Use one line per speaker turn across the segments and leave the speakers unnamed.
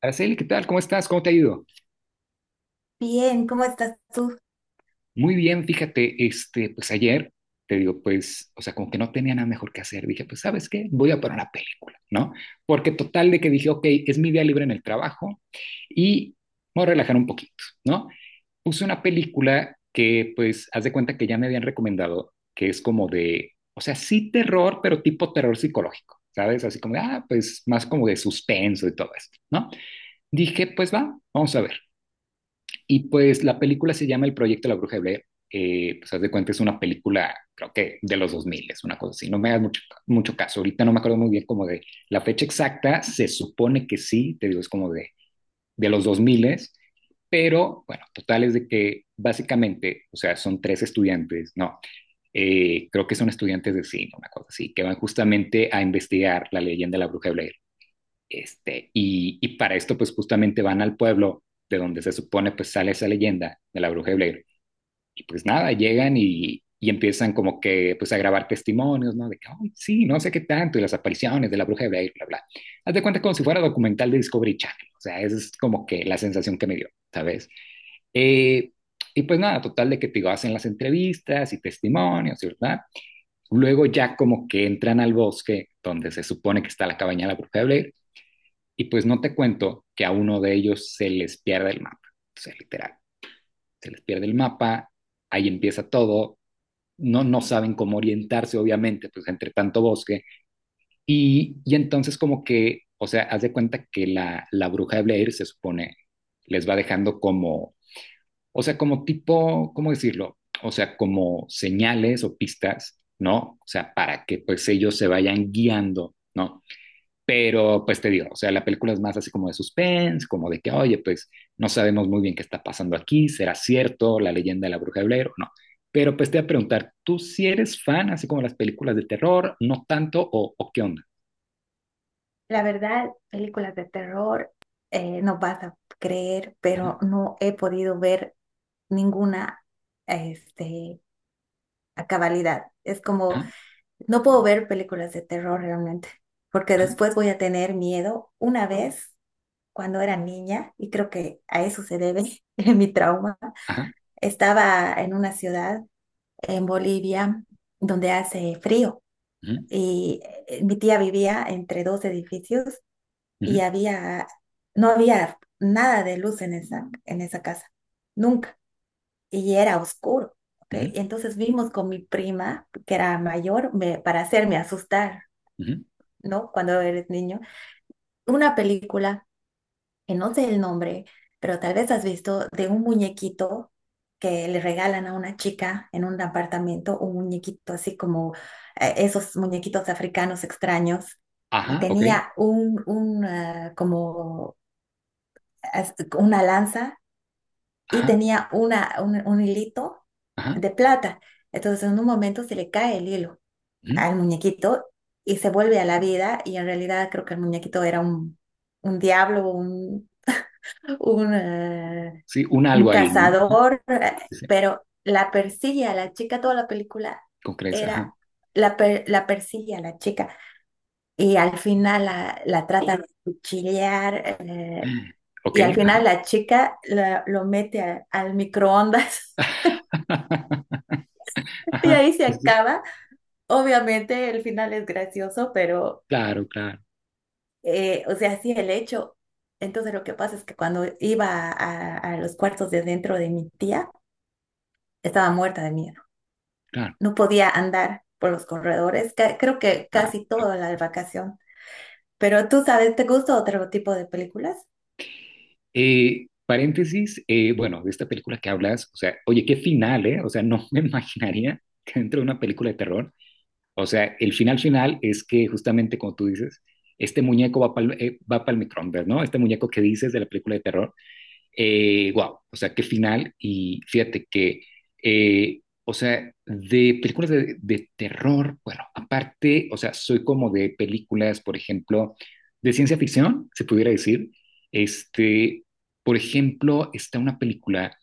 Araceli, ¿qué tal? ¿Cómo estás? ¿Cómo te ha ido?
Bien, ¿cómo estás tú?
Muy bien, fíjate, pues ayer te digo, pues, o sea, como que no tenía nada mejor que hacer. Dije, pues, ¿sabes qué? Voy a poner una película, ¿no? Porque total de que dije, ok, es mi día libre en el trabajo y me voy a relajar un poquito, ¿no? Puse una película que, pues, haz de cuenta que ya me habían recomendado, que es como de, o sea, sí terror, pero tipo terror psicológico, ¿sabes? Así como, de, pues, más como de suspenso y todo esto, ¿no? Dije, pues va, vamos a ver. Y pues la película se llama El Proyecto de la Bruja de Blair. Pues haz de cuenta, es una película, creo que de los 2000 es una cosa así. No me hagas mucho, mucho caso. Ahorita no me acuerdo muy bien como de la fecha exacta. Se supone que sí, te digo, es como de los 2000, pero bueno, total es de que básicamente, o sea, son tres estudiantes, no, creo que son estudiantes de cine, una cosa así, que van justamente a investigar la leyenda de la Bruja de Blair y para esto, pues justamente van al pueblo de donde se supone pues sale esa leyenda de la bruja de Blair. Y pues nada, llegan y empiezan como que pues a grabar testimonios, ¿no? De que, "Ay, sí, no sé qué tanto, y las apariciones de la bruja de Blair, bla, bla. Haz de cuenta como si fuera documental de Discovery Channel, o sea, esa es como que la sensación que me dio, ¿sabes? Eh, y pues nada, total de que te digo, hacen las entrevistas y testimonios, ¿verdad? Luego ya como que entran al bosque donde se supone que está la cabaña de la bruja de Blair y pues no te cuento que a uno de ellos se les pierde el mapa, o sea, literal, se les pierde el mapa, ahí empieza todo, no, no saben cómo orientarse, obviamente, pues entre tanto bosque, y entonces como que, o sea, haz de cuenta que la bruja de Blair se supone les va dejando como, o sea, como tipo, ¿cómo decirlo? O sea, como señales o pistas, ¿no? O sea, para que pues ellos se vayan guiando, ¿no? Pero pues te digo, o sea, la película es más así como de suspense, como de que, oye, pues no sabemos muy bien qué está pasando aquí, será cierto la leyenda de la bruja de Blair o no. Pero pues te voy a preguntar, ¿tú si sí eres fan así como de las películas de terror, no tanto o qué onda?
La verdad, películas de terror, no vas a creer,
Ajá,
pero no he podido ver ninguna, este, a cabalidad. Es como,
ajá,
no puedo ver películas de terror realmente, porque
ajá,
después voy a tener miedo. Una vez, cuando era niña, y creo que a eso se debe mi trauma,
ajá,
estaba en una ciudad en Bolivia donde hace frío
ujú,
y mi tía vivía entre dos edificios y
ujú,
no había nada de luz en esa casa, nunca, y era oscuro, ¿ok?
ujú,
Y entonces vimos con mi prima, que era mayor, para hacerme asustar,
ujú,
¿no? Cuando eres niño, una película, que no sé el nombre, pero tal vez has visto de un muñequito que le regalan a una chica en un apartamento, un muñequito así como esos muñequitos africanos extraños y
ajá, ok,
tenía un, como una lanza y
ajá,
tenía un hilito
ajá,
de plata. Entonces en un momento se le cae el hilo
ujú.
al muñequito y se vuelve a la vida, y en realidad creo que el muñequito era un diablo, un, eh,
Sí, un
un
algo ahí, ¿no? Ajá,
cazador,
sí, sí,
pero la persigue a la chica, toda la película
con creces,
era...
ajá,
La persigue a la chica y al final la trata de cuchillar,
ok,
y al final
ajá,
la chica lo mete al microondas y
ajá,
ahí se
sí, sí, sí.
acaba. Obviamente el final es gracioso, pero,
Claro, claro,
o sea, sí el hecho. Entonces lo que pasa es que cuando iba a los cuartos de dentro de mi tía, estaba muerta de miedo.
claro,
No podía andar por los corredores, creo que casi
ajá.
toda la vacación. Pero tú sabes, ¿te gusta otro tipo de películas?
Paréntesis, bueno, de esta película que hablas, o sea, oye, qué final, ¿eh? O sea, no me imaginaría que dentro de una película de terror, o sea, el final final es que justamente como tú dices, este muñeco va para el, microondas, ¿no? Este muñeco que dices de la película de terror, wow, o sea, qué final. Y fíjate que, o sea, de películas de terror, bueno, aparte, o sea, soy como de películas, por ejemplo, de ciencia ficción, se pudiera decir. Este, por ejemplo, está una película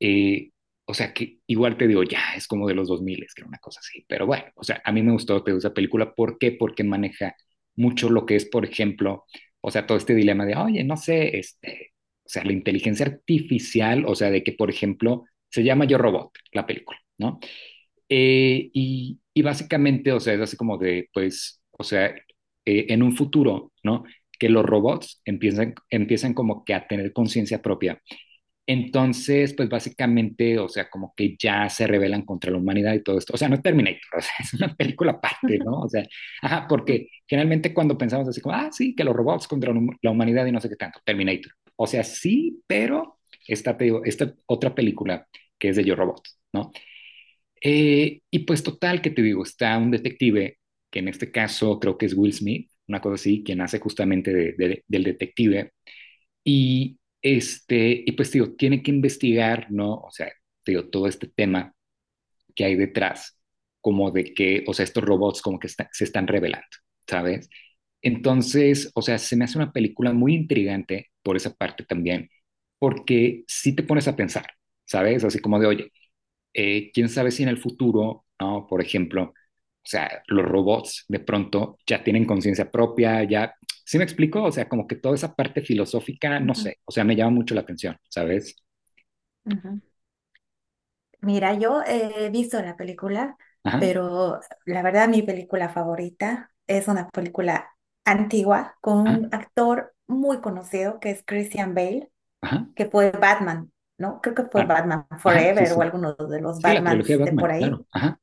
eh, o sea que igual te digo, ya es como de los dos es que era una cosa así. Pero bueno, o sea, a mí me gustó, te gusta la película. ¿Por qué? Porque maneja mucho lo que es, por ejemplo, o sea, todo este dilema de, oye, no sé, este, o sea, la inteligencia artificial, o sea, de que, por ejemplo, se llama Yo Robot, la película, ¿no? Y básicamente, o sea, es así como de, pues, o sea, en un futuro, ¿no? Que los robots empiezan como que a tener conciencia propia entonces, pues básicamente, o sea, como que ya se rebelan contra la humanidad y todo esto. O sea, no es Terminator, o sea, es una película aparte, ¿no? O sea, ajá,
Ujú,
porque generalmente cuando pensamos así como, ah, sí, que los robots contra la hum- la humanidad y no sé qué tanto, Terminator. O sea, sí, pero esta, te digo, esta otra película que es de Yo Robot, ¿no? Y pues total, que te digo, está un detective, que en este caso creo que es Will Smith, una cosa así, quien hace justamente del detective y este, y pues digo, tiene que investigar, ¿no? O sea, digo, todo este tema que hay detrás, como de que, o sea, estos robots como que se están revelando, ¿sabes? Entonces, o sea, se me hace una película muy intrigante por esa parte también, porque si te pones a pensar, ¿sabes? Así como de, oye, quién sabe si en el futuro, ¿no? Por ejemplo, o sea, los robots de pronto ya tienen conciencia propia, ya, ¿sí me explico? O sea, como que toda esa parte filosófica, no
ujú,
sé, o sea, me llama mucho la atención, ¿sabes?
ujú. Mira, yo he visto la película,
Ajá,
pero la verdad mi película favorita es una película antigua con
ajá,
un actor muy conocido que es Christian Bale,
ajá,
que fue Batman, ¿no? Creo que fue
claro,
Batman
ajá, sí,
Forever o
sí.
alguno de los
Sí, la trilogía
Batmans
de
de
Batman,
por ahí.
claro, ajá,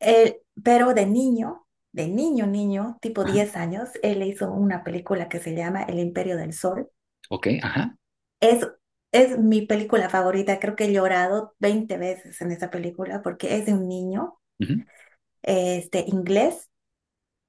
Él- pero de niño, niño, tipo
ajá,
10 años, él hizo una película que se llama El Imperio del Sol.
ok, ajá,
Es es mi película favorita, creo que he llorado 20 veces en esa película porque es de un niño.
ujú,
Inglés,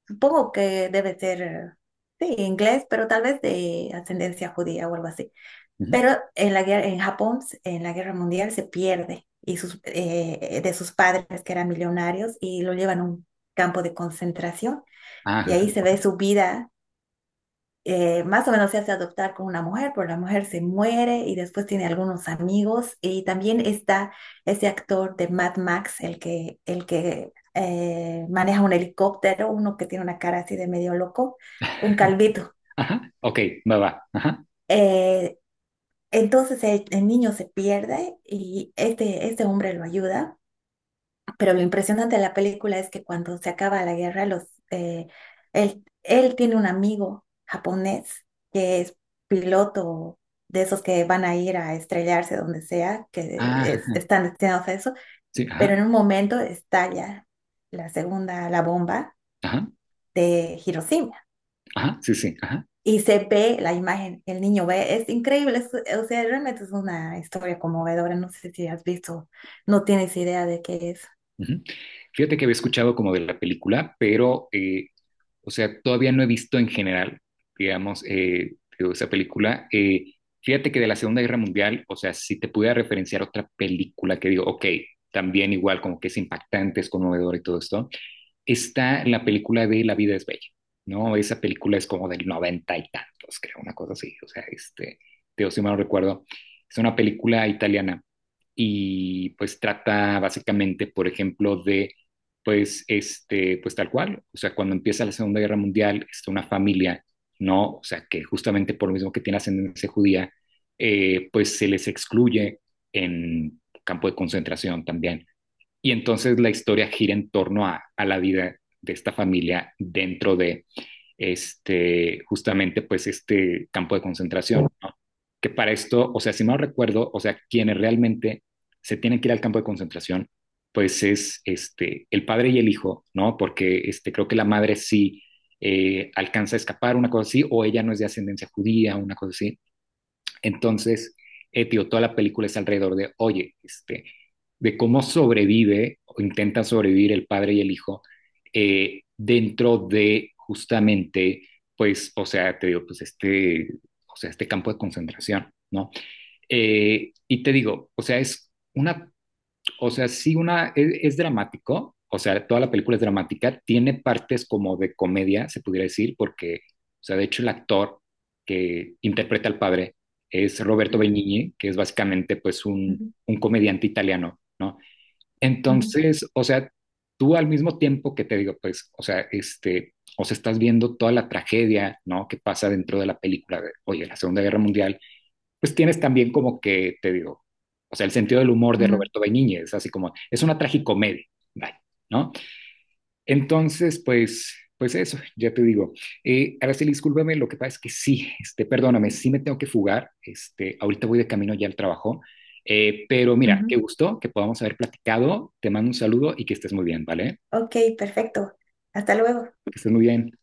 supongo que debe ser, sí, inglés, pero tal vez de ascendencia judía o algo así.
ujú,
Pero en la guerra, en Japón, en la Guerra Mundial se pierde y de sus padres que eran millonarios, y lo llevan a un campo de concentración y
ajá,
ahí se ve su vida. Más o menos se hace adoptar con una mujer, pero la mujer se muere y después tiene algunos amigos. Y también está ese actor de Mad Max, el que maneja un helicóptero, uno que tiene una cara así de medio loco, un calvito.
ajá, ok, va, va, ajá,
Eh, entonces el niño se pierde y este hombre lo ayuda. Pero lo impresionante de la película es que cuando se acaba la guerra, eh, él tiene un amigo japonés que es piloto, de esos que van a ir a estrellarse donde sea,
ajá,
están destinados a eso,
sí, ajá,
pero en un momento estalla la bomba
ajá,
de Hiroshima.
ajá, sí, sí, ajá.
Y se ve la imagen, el niño ve, es increíble, o sea, realmente es una historia conmovedora, no sé si has visto, no tienes idea de qué es.
Ujú. Fíjate que había escuchado como de la película, pero, o sea, todavía no he visto en general, digamos, digo, esa película. Fíjate que de la Segunda Guerra Mundial, o sea, si te pudiera referenciar otra película que digo, ok, también igual, como que es impactante, es conmovedor y todo esto está la película de La vida es bella, ¿no? Esa película es como del noventa y tantos, creo, una cosa así, o sea, este, de si mal no recuerdo, es una película italiana y pues trata básicamente, por ejemplo, de, pues, este, pues tal cual, o sea, cuando empieza la Segunda Guerra Mundial, está una familia, ¿no? O sea, que justamente por lo mismo que tiene ascendencia judía, pues se les excluye en campo de concentración también. Y entonces la historia gira en torno a la vida de esta familia dentro de este, justamente pues este campo de concentración, ¿no? Que para esto, o sea, si mal recuerdo, o sea, quienes realmente se tienen que ir al campo de concentración, pues es este, el padre y el hijo, ¿no? Porque este, creo que la madre sí alcanza a escapar, una cosa así, o ella no es de ascendencia judía, una cosa así. Entonces, tío, toda la película es alrededor de, oye, este, de cómo sobrevive o intenta sobrevivir el padre y el hijo dentro de justamente, pues, o sea, te digo, pues este, o sea, este campo de concentración, ¿no? Y te digo, o sea, es una o sea, sí una, es dramático, o sea, toda la película es dramática, tiene partes como de comedia, se pudiera decir, porque, o sea, de hecho el actor que interpreta al padre es Roberto
Ujú,
Benigni, que es básicamente pues
ujú,
un comediante italiano, ¿no?
ujú,
Entonces, o sea, tú al mismo tiempo que te digo, pues, o sea, este, o sea, estás viendo toda la tragedia, ¿no? Que pasa dentro de la película de, oye, la Segunda Guerra Mundial, pues tienes también como que, te digo, o sea, el sentido del humor de Roberto Benigni, así como, es una tragicomedia, vaya, ¿no? Entonces, pues, pues eso, ya te digo. Araceli, discúlpame, lo que pasa es que sí, este, perdóname, sí me tengo que fugar, este, ahorita voy de camino ya al trabajo, pero
ujú,
mira, qué
ujú.
gusto que podamos haber platicado, te mando un saludo y que estés muy bien, ¿vale?
Ok, perfecto. Hasta luego.
Que estés muy bien.